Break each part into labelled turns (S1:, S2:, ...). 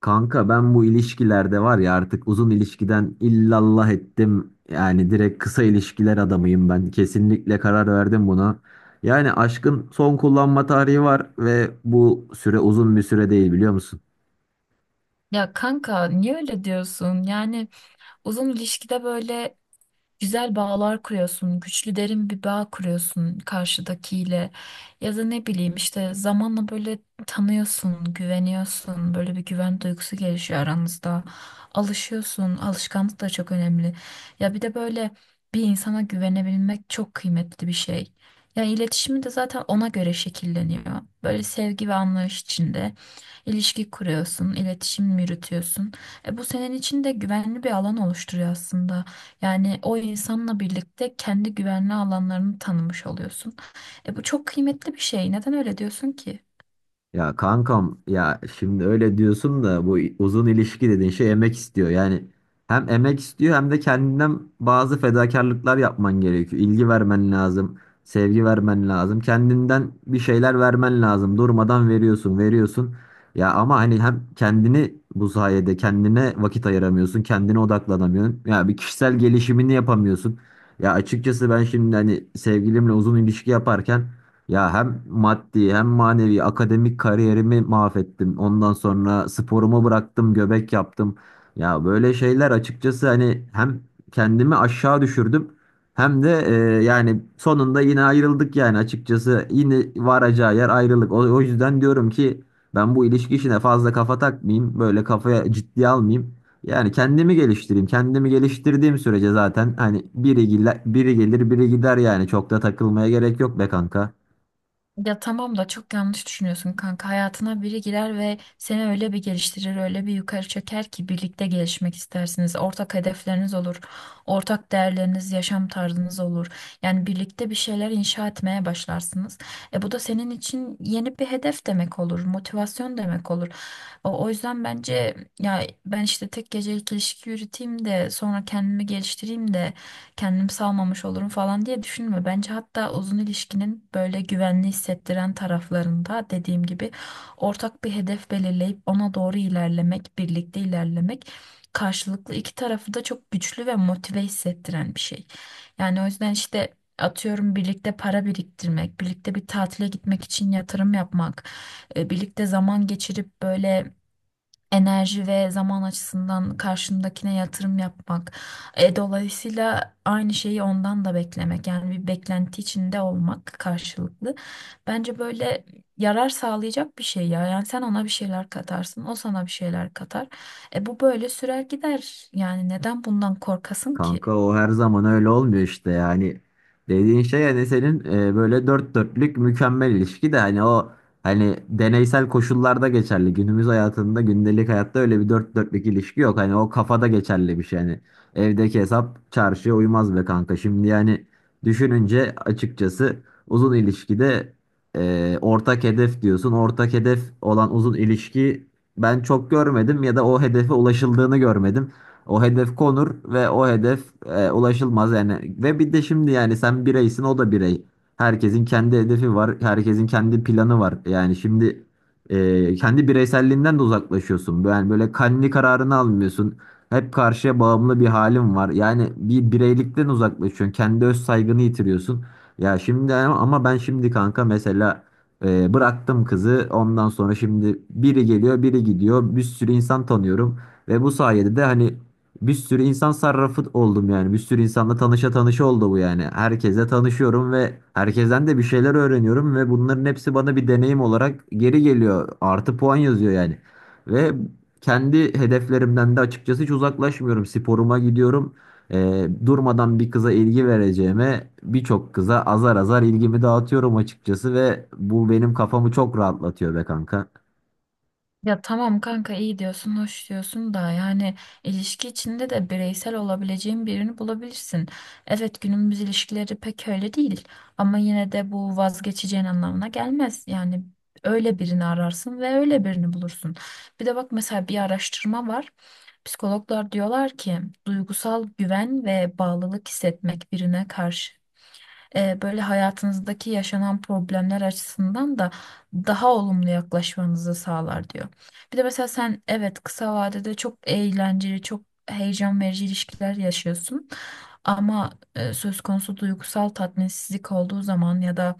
S1: Kanka ben bu ilişkilerde var ya artık uzun ilişkiden illallah ettim. Yani direkt kısa ilişkiler adamıyım ben. Kesinlikle karar verdim buna. Yani aşkın son kullanma tarihi var ve bu süre uzun bir süre değil biliyor musun?
S2: Ya kanka niye öyle diyorsun? Yani uzun ilişkide böyle güzel bağlar kuruyorsun, güçlü derin bir bağ kuruyorsun karşıdakiyle. Ya da ne bileyim işte zamanla böyle tanıyorsun, güveniyorsun. Böyle bir güven duygusu gelişiyor aranızda. Alışıyorsun, alışkanlık da çok önemli. Ya bir de böyle bir insana güvenebilmek çok kıymetli bir şey. Ya iletişimi de zaten ona göre şekilleniyor. Böyle sevgi ve anlayış içinde ilişki kuruyorsun, iletişim yürütüyorsun. E bu senin için de güvenli bir alan oluşturuyor aslında. Yani o insanla birlikte kendi güvenli alanlarını tanımış oluyorsun. E bu çok kıymetli bir şey. Neden öyle diyorsun ki?
S1: Ya kankam ya şimdi öyle diyorsun da bu uzun ilişki dediğin şey emek istiyor. Yani hem emek istiyor hem de kendinden bazı fedakarlıklar yapman gerekiyor. İlgi vermen lazım, sevgi vermen lazım. Kendinden bir şeyler vermen lazım. Durmadan veriyorsun, veriyorsun. Ya ama hani hem kendini bu sayede kendine vakit ayıramıyorsun, kendine odaklanamıyorsun. Ya bir kişisel gelişimini yapamıyorsun. Ya açıkçası ben şimdi hani sevgilimle uzun ilişki yaparken ya hem maddi hem manevi akademik kariyerimi mahvettim. Ondan sonra sporumu bıraktım, göbek yaptım. Ya böyle şeyler açıkçası hani hem kendimi aşağı düşürdüm hem de yani sonunda yine ayrıldık yani açıkçası yine varacağı yer ayrılık. O yüzden diyorum ki ben bu ilişki işine fazla kafa takmayayım, böyle kafaya ciddiye almayayım. Yani kendimi geliştireyim. Kendimi geliştirdiğim sürece zaten hani biri, biri gelir biri gider yani çok da takılmaya gerek yok be kanka.
S2: Ya tamam da çok yanlış düşünüyorsun kanka. Hayatına biri girer ve seni öyle bir geliştirir, öyle bir yukarı çeker ki birlikte gelişmek istersiniz. Ortak hedefleriniz olur, ortak değerleriniz, yaşam tarzınız olur. Yani birlikte bir şeyler inşa etmeye başlarsınız. E bu da senin için yeni bir hedef demek olur, motivasyon demek olur. O yüzden bence ya ben işte tek gecelik ilişki yürüteyim de sonra kendimi geliştireyim de kendim salmamış olurum falan diye düşünme. Bence hatta uzun ilişkinin böyle güvenli hissettiren taraflarında dediğim gibi ortak bir hedef belirleyip ona doğru ilerlemek, birlikte ilerlemek karşılıklı iki tarafı da çok güçlü ve motive hissettiren bir şey. Yani o yüzden işte atıyorum birlikte para biriktirmek, birlikte bir tatile gitmek için yatırım yapmak, birlikte zaman geçirip böyle enerji ve zaman açısından karşındakine yatırım yapmak. E, dolayısıyla aynı şeyi ondan da beklemek yani bir beklenti içinde olmak karşılıklı. Bence böyle yarar sağlayacak bir şey ya. Yani sen ona bir şeyler katarsın, o sana bir şeyler katar. E bu böyle sürer gider. Yani neden bundan korkasın ki?
S1: Kanka o her zaman öyle olmuyor işte yani dediğin şey hani senin böyle dört dörtlük mükemmel ilişki de hani o hani deneysel koşullarda geçerli günümüz hayatında gündelik hayatta öyle bir dört dörtlük ilişki yok hani o kafada geçerli bir şey yani evdeki hesap çarşıya uymaz be kanka şimdi yani düşününce açıkçası uzun ilişkide ortak hedef diyorsun ortak hedef olan uzun ilişki ben çok görmedim ya da o hedefe ulaşıldığını görmedim. O hedef konur ve o hedef ulaşılmaz yani. Ve bir de şimdi yani sen bireysin o da birey. Herkesin kendi hedefi var. Herkesin kendi planı var. Yani şimdi kendi bireyselliğinden de uzaklaşıyorsun. Yani böyle kendi kararını almıyorsun. Hep karşıya bağımlı bir halin var. Yani bir bireylikten uzaklaşıyorsun. Kendi öz saygını yitiriyorsun. Ya şimdi ama ben şimdi kanka mesela bıraktım kızı. Ondan sonra şimdi biri geliyor, biri gidiyor. Bir sürü insan tanıyorum ve bu sayede de hani bir sürü insan sarrafı oldum yani. Bir sürü insanla tanışa tanışa oldu bu yani. Herkese tanışıyorum ve herkesten de bir şeyler öğreniyorum ve bunların hepsi bana bir deneyim olarak geri geliyor. Artı puan yazıyor yani. Ve kendi hedeflerimden de açıkçası hiç uzaklaşmıyorum. Sporuma gidiyorum. Durmadan bir kıza ilgi vereceğime birçok kıza azar azar ilgimi dağıtıyorum açıkçası ve bu benim kafamı çok rahatlatıyor be kanka.
S2: Ya tamam kanka iyi diyorsun, hoş diyorsun da yani ilişki içinde de bireysel olabileceğin birini bulabilirsin. Evet günümüz ilişkileri pek öyle değil ama yine de bu vazgeçeceğin anlamına gelmez. Yani öyle birini ararsın ve öyle birini bulursun. Bir de bak mesela bir araştırma var. Psikologlar diyorlar ki duygusal güven ve bağlılık hissetmek birine karşı böyle hayatınızdaki yaşanan problemler açısından da daha olumlu yaklaşmanızı sağlar diyor. Bir de mesela sen evet kısa vadede çok eğlenceli, çok heyecan verici ilişkiler yaşıyorsun. Ama söz konusu duygusal tatminsizlik olduğu zaman ya da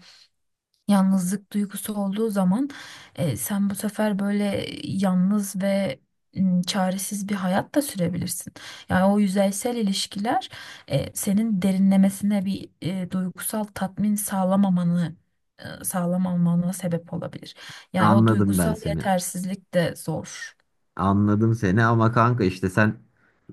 S2: yalnızlık duygusu olduğu zaman sen bu sefer böyle yalnız ve çaresiz bir hayat da sürebilirsin. Yani o yüzeysel ilişkiler senin derinlemesine bir duygusal tatmin sağlamamanı sağlamamana sebep olabilir. Yani o
S1: Anladım ben
S2: duygusal
S1: seni.
S2: yetersizlik de zor.
S1: Anladım seni ama kanka işte sen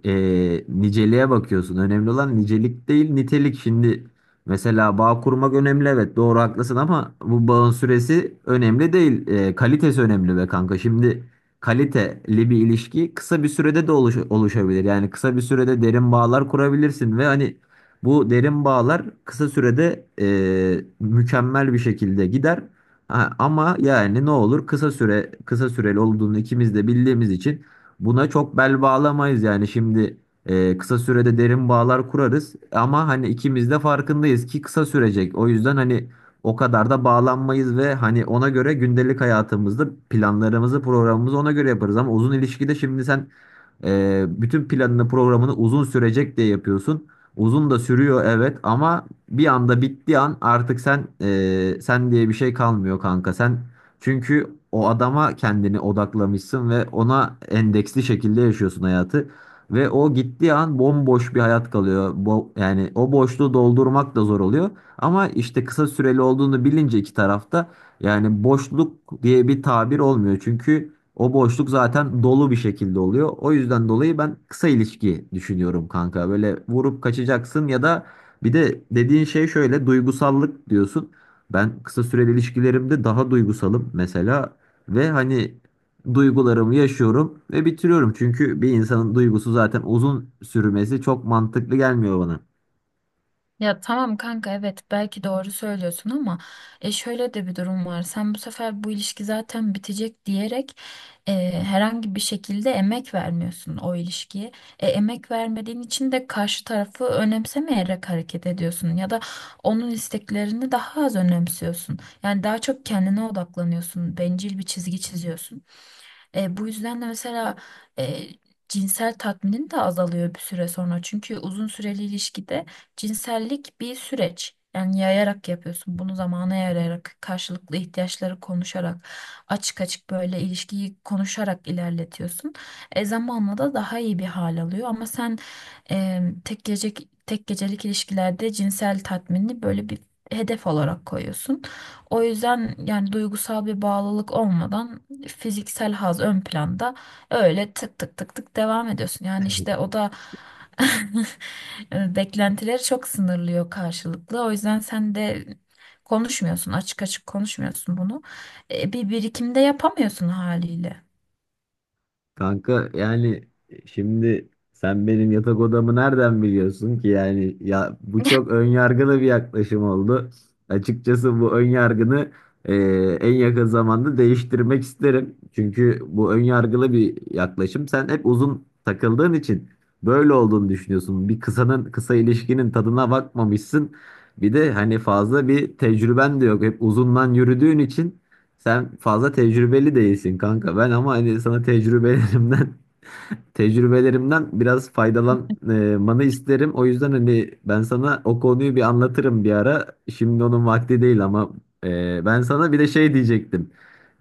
S1: niceliğe bakıyorsun. Önemli olan nicelik değil nitelik. Şimdi mesela bağ kurmak önemli evet doğru haklısın ama bu bağın süresi önemli değil. Kalitesi önemli be kanka. Şimdi kaliteli bir ilişki kısa bir sürede de oluşabilir. Yani kısa bir sürede derin bağlar kurabilirsin ve hani bu derin bağlar kısa sürede mükemmel bir şekilde gider. Ha, ama yani ne olur kısa süreli olduğunu ikimiz de bildiğimiz için buna çok bel bağlamayız yani şimdi kısa sürede derin bağlar kurarız ama hani ikimiz de farkındayız ki kısa sürecek o yüzden hani o kadar da bağlanmayız ve hani ona göre gündelik hayatımızda planlarımızı programımızı ona göre yaparız ama uzun ilişkide şimdi sen bütün planını programını uzun sürecek diye yapıyorsun uzun da sürüyor evet ama bir anda bittiği an artık sen sen diye bir şey kalmıyor kanka. Sen çünkü o adama kendini odaklamışsın ve ona endeksli şekilde yaşıyorsun hayatı. Ve o gittiği an bomboş bir hayat kalıyor. Yani o boşluğu doldurmak da zor oluyor. Ama işte kısa süreli olduğunu bilince iki tarafta yani boşluk diye bir tabir olmuyor. Çünkü o boşluk zaten dolu bir şekilde oluyor. O yüzden dolayı ben kısa ilişki düşünüyorum kanka. Böyle vurup kaçacaksın ya da bir de dediğin şey şöyle duygusallık diyorsun. Ben kısa süreli ilişkilerimde daha duygusalım mesela ve hani duygularımı yaşıyorum ve bitiriyorum. Çünkü bir insanın duygusu zaten uzun sürmesi çok mantıklı gelmiyor bana.
S2: Ya tamam kanka evet belki doğru söylüyorsun ama şöyle de bir durum var. Sen bu sefer bu ilişki zaten bitecek diyerek herhangi bir şekilde emek vermiyorsun o ilişkiye. E, emek vermediğin için de karşı tarafı önemsemeyerek hareket ediyorsun ya da onun isteklerini daha az önemsiyorsun. Yani daha çok kendine odaklanıyorsun, bencil bir çizgi çiziyorsun. E, bu yüzden de mesela e, cinsel tatminin de azalıyor bir süre sonra. Çünkü uzun süreli ilişkide cinsellik bir süreç. Yani yayarak yapıyorsun. Bunu zamana yayarak, karşılıklı ihtiyaçları konuşarak, açık açık böyle ilişkiyi konuşarak ilerletiyorsun. E, zamanla da daha iyi bir hal alıyor. Ama sen e, tek gece tek gecelik ilişkilerde cinsel tatminini böyle bir hedef olarak koyuyorsun. O yüzden yani duygusal bir bağlılık olmadan fiziksel haz ön planda öyle tık tık tık tık devam ediyorsun. Yani işte o da beklentileri çok sınırlıyor karşılıklı. O yüzden sen de konuşmuyorsun, açık açık konuşmuyorsun bunu. E, bir birikimde yapamıyorsun haliyle.
S1: Kanka yani şimdi sen benim yatak odamı nereden biliyorsun ki yani ya bu çok ön yargılı bir yaklaşım oldu. Açıkçası bu ön yargını e, en yakın zamanda değiştirmek isterim. Çünkü bu ön yargılı bir yaklaşım. Sen hep uzun takıldığın için böyle olduğunu düşünüyorsun. Bir kısa ilişkinin tadına bakmamışsın. Bir de hani fazla bir tecrüben de yok. Hep uzundan yürüdüğün için sen fazla tecrübeli değilsin kanka. Ben ama hani sana tecrübelerimden biraz faydalanmanı isterim. O yüzden hani ben sana o konuyu bir anlatırım bir ara. Şimdi onun vakti değil ama ben sana bir de şey diyecektim.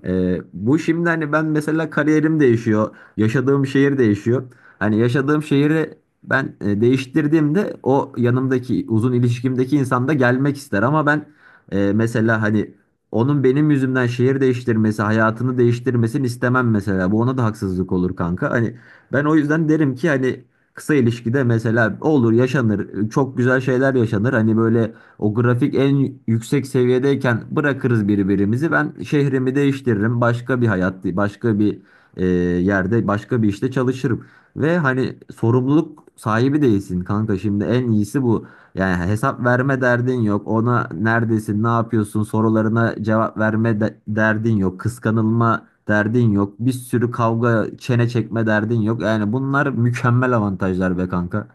S1: Bu şimdi hani ben mesela kariyerim değişiyor, yaşadığım şehir değişiyor. Hani yaşadığım şehri ben değiştirdiğimde o yanımdaki uzun ilişkimdeki insan da gelmek ister ama ben mesela hani onun benim yüzümden şehir değiştirmesi, hayatını değiştirmesini istemem mesela. Bu ona da haksızlık olur kanka. Hani ben o yüzden derim ki hani kısa ilişkide mesela olur yaşanır, çok güzel şeyler yaşanır. Hani böyle o grafik en yüksek seviyedeyken bırakırız birbirimizi. Ben şehrimi değiştiririm. Başka bir hayat, başka bir yerde, başka bir işte çalışırım. Ve hani sorumluluk sahibi değilsin kanka. Şimdi en iyisi bu. Yani hesap verme derdin yok. Ona neredesin, ne yapıyorsun sorularına cevap derdin yok. Kıskanılma derdin yok. Bir sürü kavga, çene çekme derdin yok. Yani bunlar mükemmel avantajlar be kanka.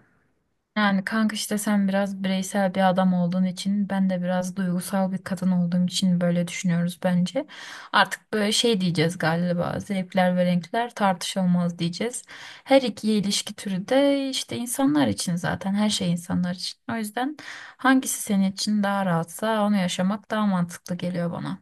S2: Yani kanka işte sen biraz bireysel bir adam olduğun için ben de biraz duygusal bir kadın olduğum için böyle düşünüyoruz bence. Artık böyle şey diyeceğiz galiba zevkler ve renkler tartışılmaz diyeceğiz. Her iki ilişki türü de işte insanlar için zaten her şey insanlar için. O yüzden hangisi senin için daha rahatsa onu yaşamak daha mantıklı geliyor bana.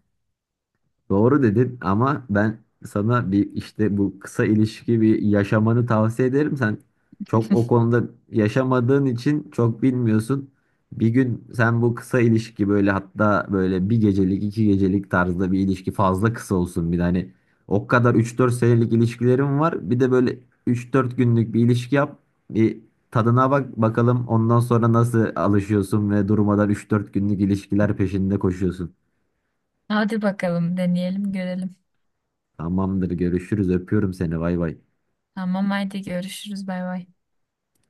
S1: Doğru dedin ama ben sana bir işte bu kısa ilişki bir yaşamanı tavsiye ederim. Sen çok o konuda yaşamadığın için çok bilmiyorsun. Bir gün sen bu kısa ilişki böyle hatta böyle bir gecelik 2 gecelik tarzda bir ilişki fazla kısa olsun bir de hani o kadar 3-4 senelik ilişkilerim var. Bir de böyle 3-4 günlük bir ilişki yap. Bir tadına bak bakalım ondan sonra nasıl alışıyorsun ve durmadan 3-4 günlük ilişkiler peşinde koşuyorsun.
S2: Hadi bakalım deneyelim görelim.
S1: Tamamdır görüşürüz öpüyorum seni bay bay.
S2: Tamam haydi görüşürüz bay bay.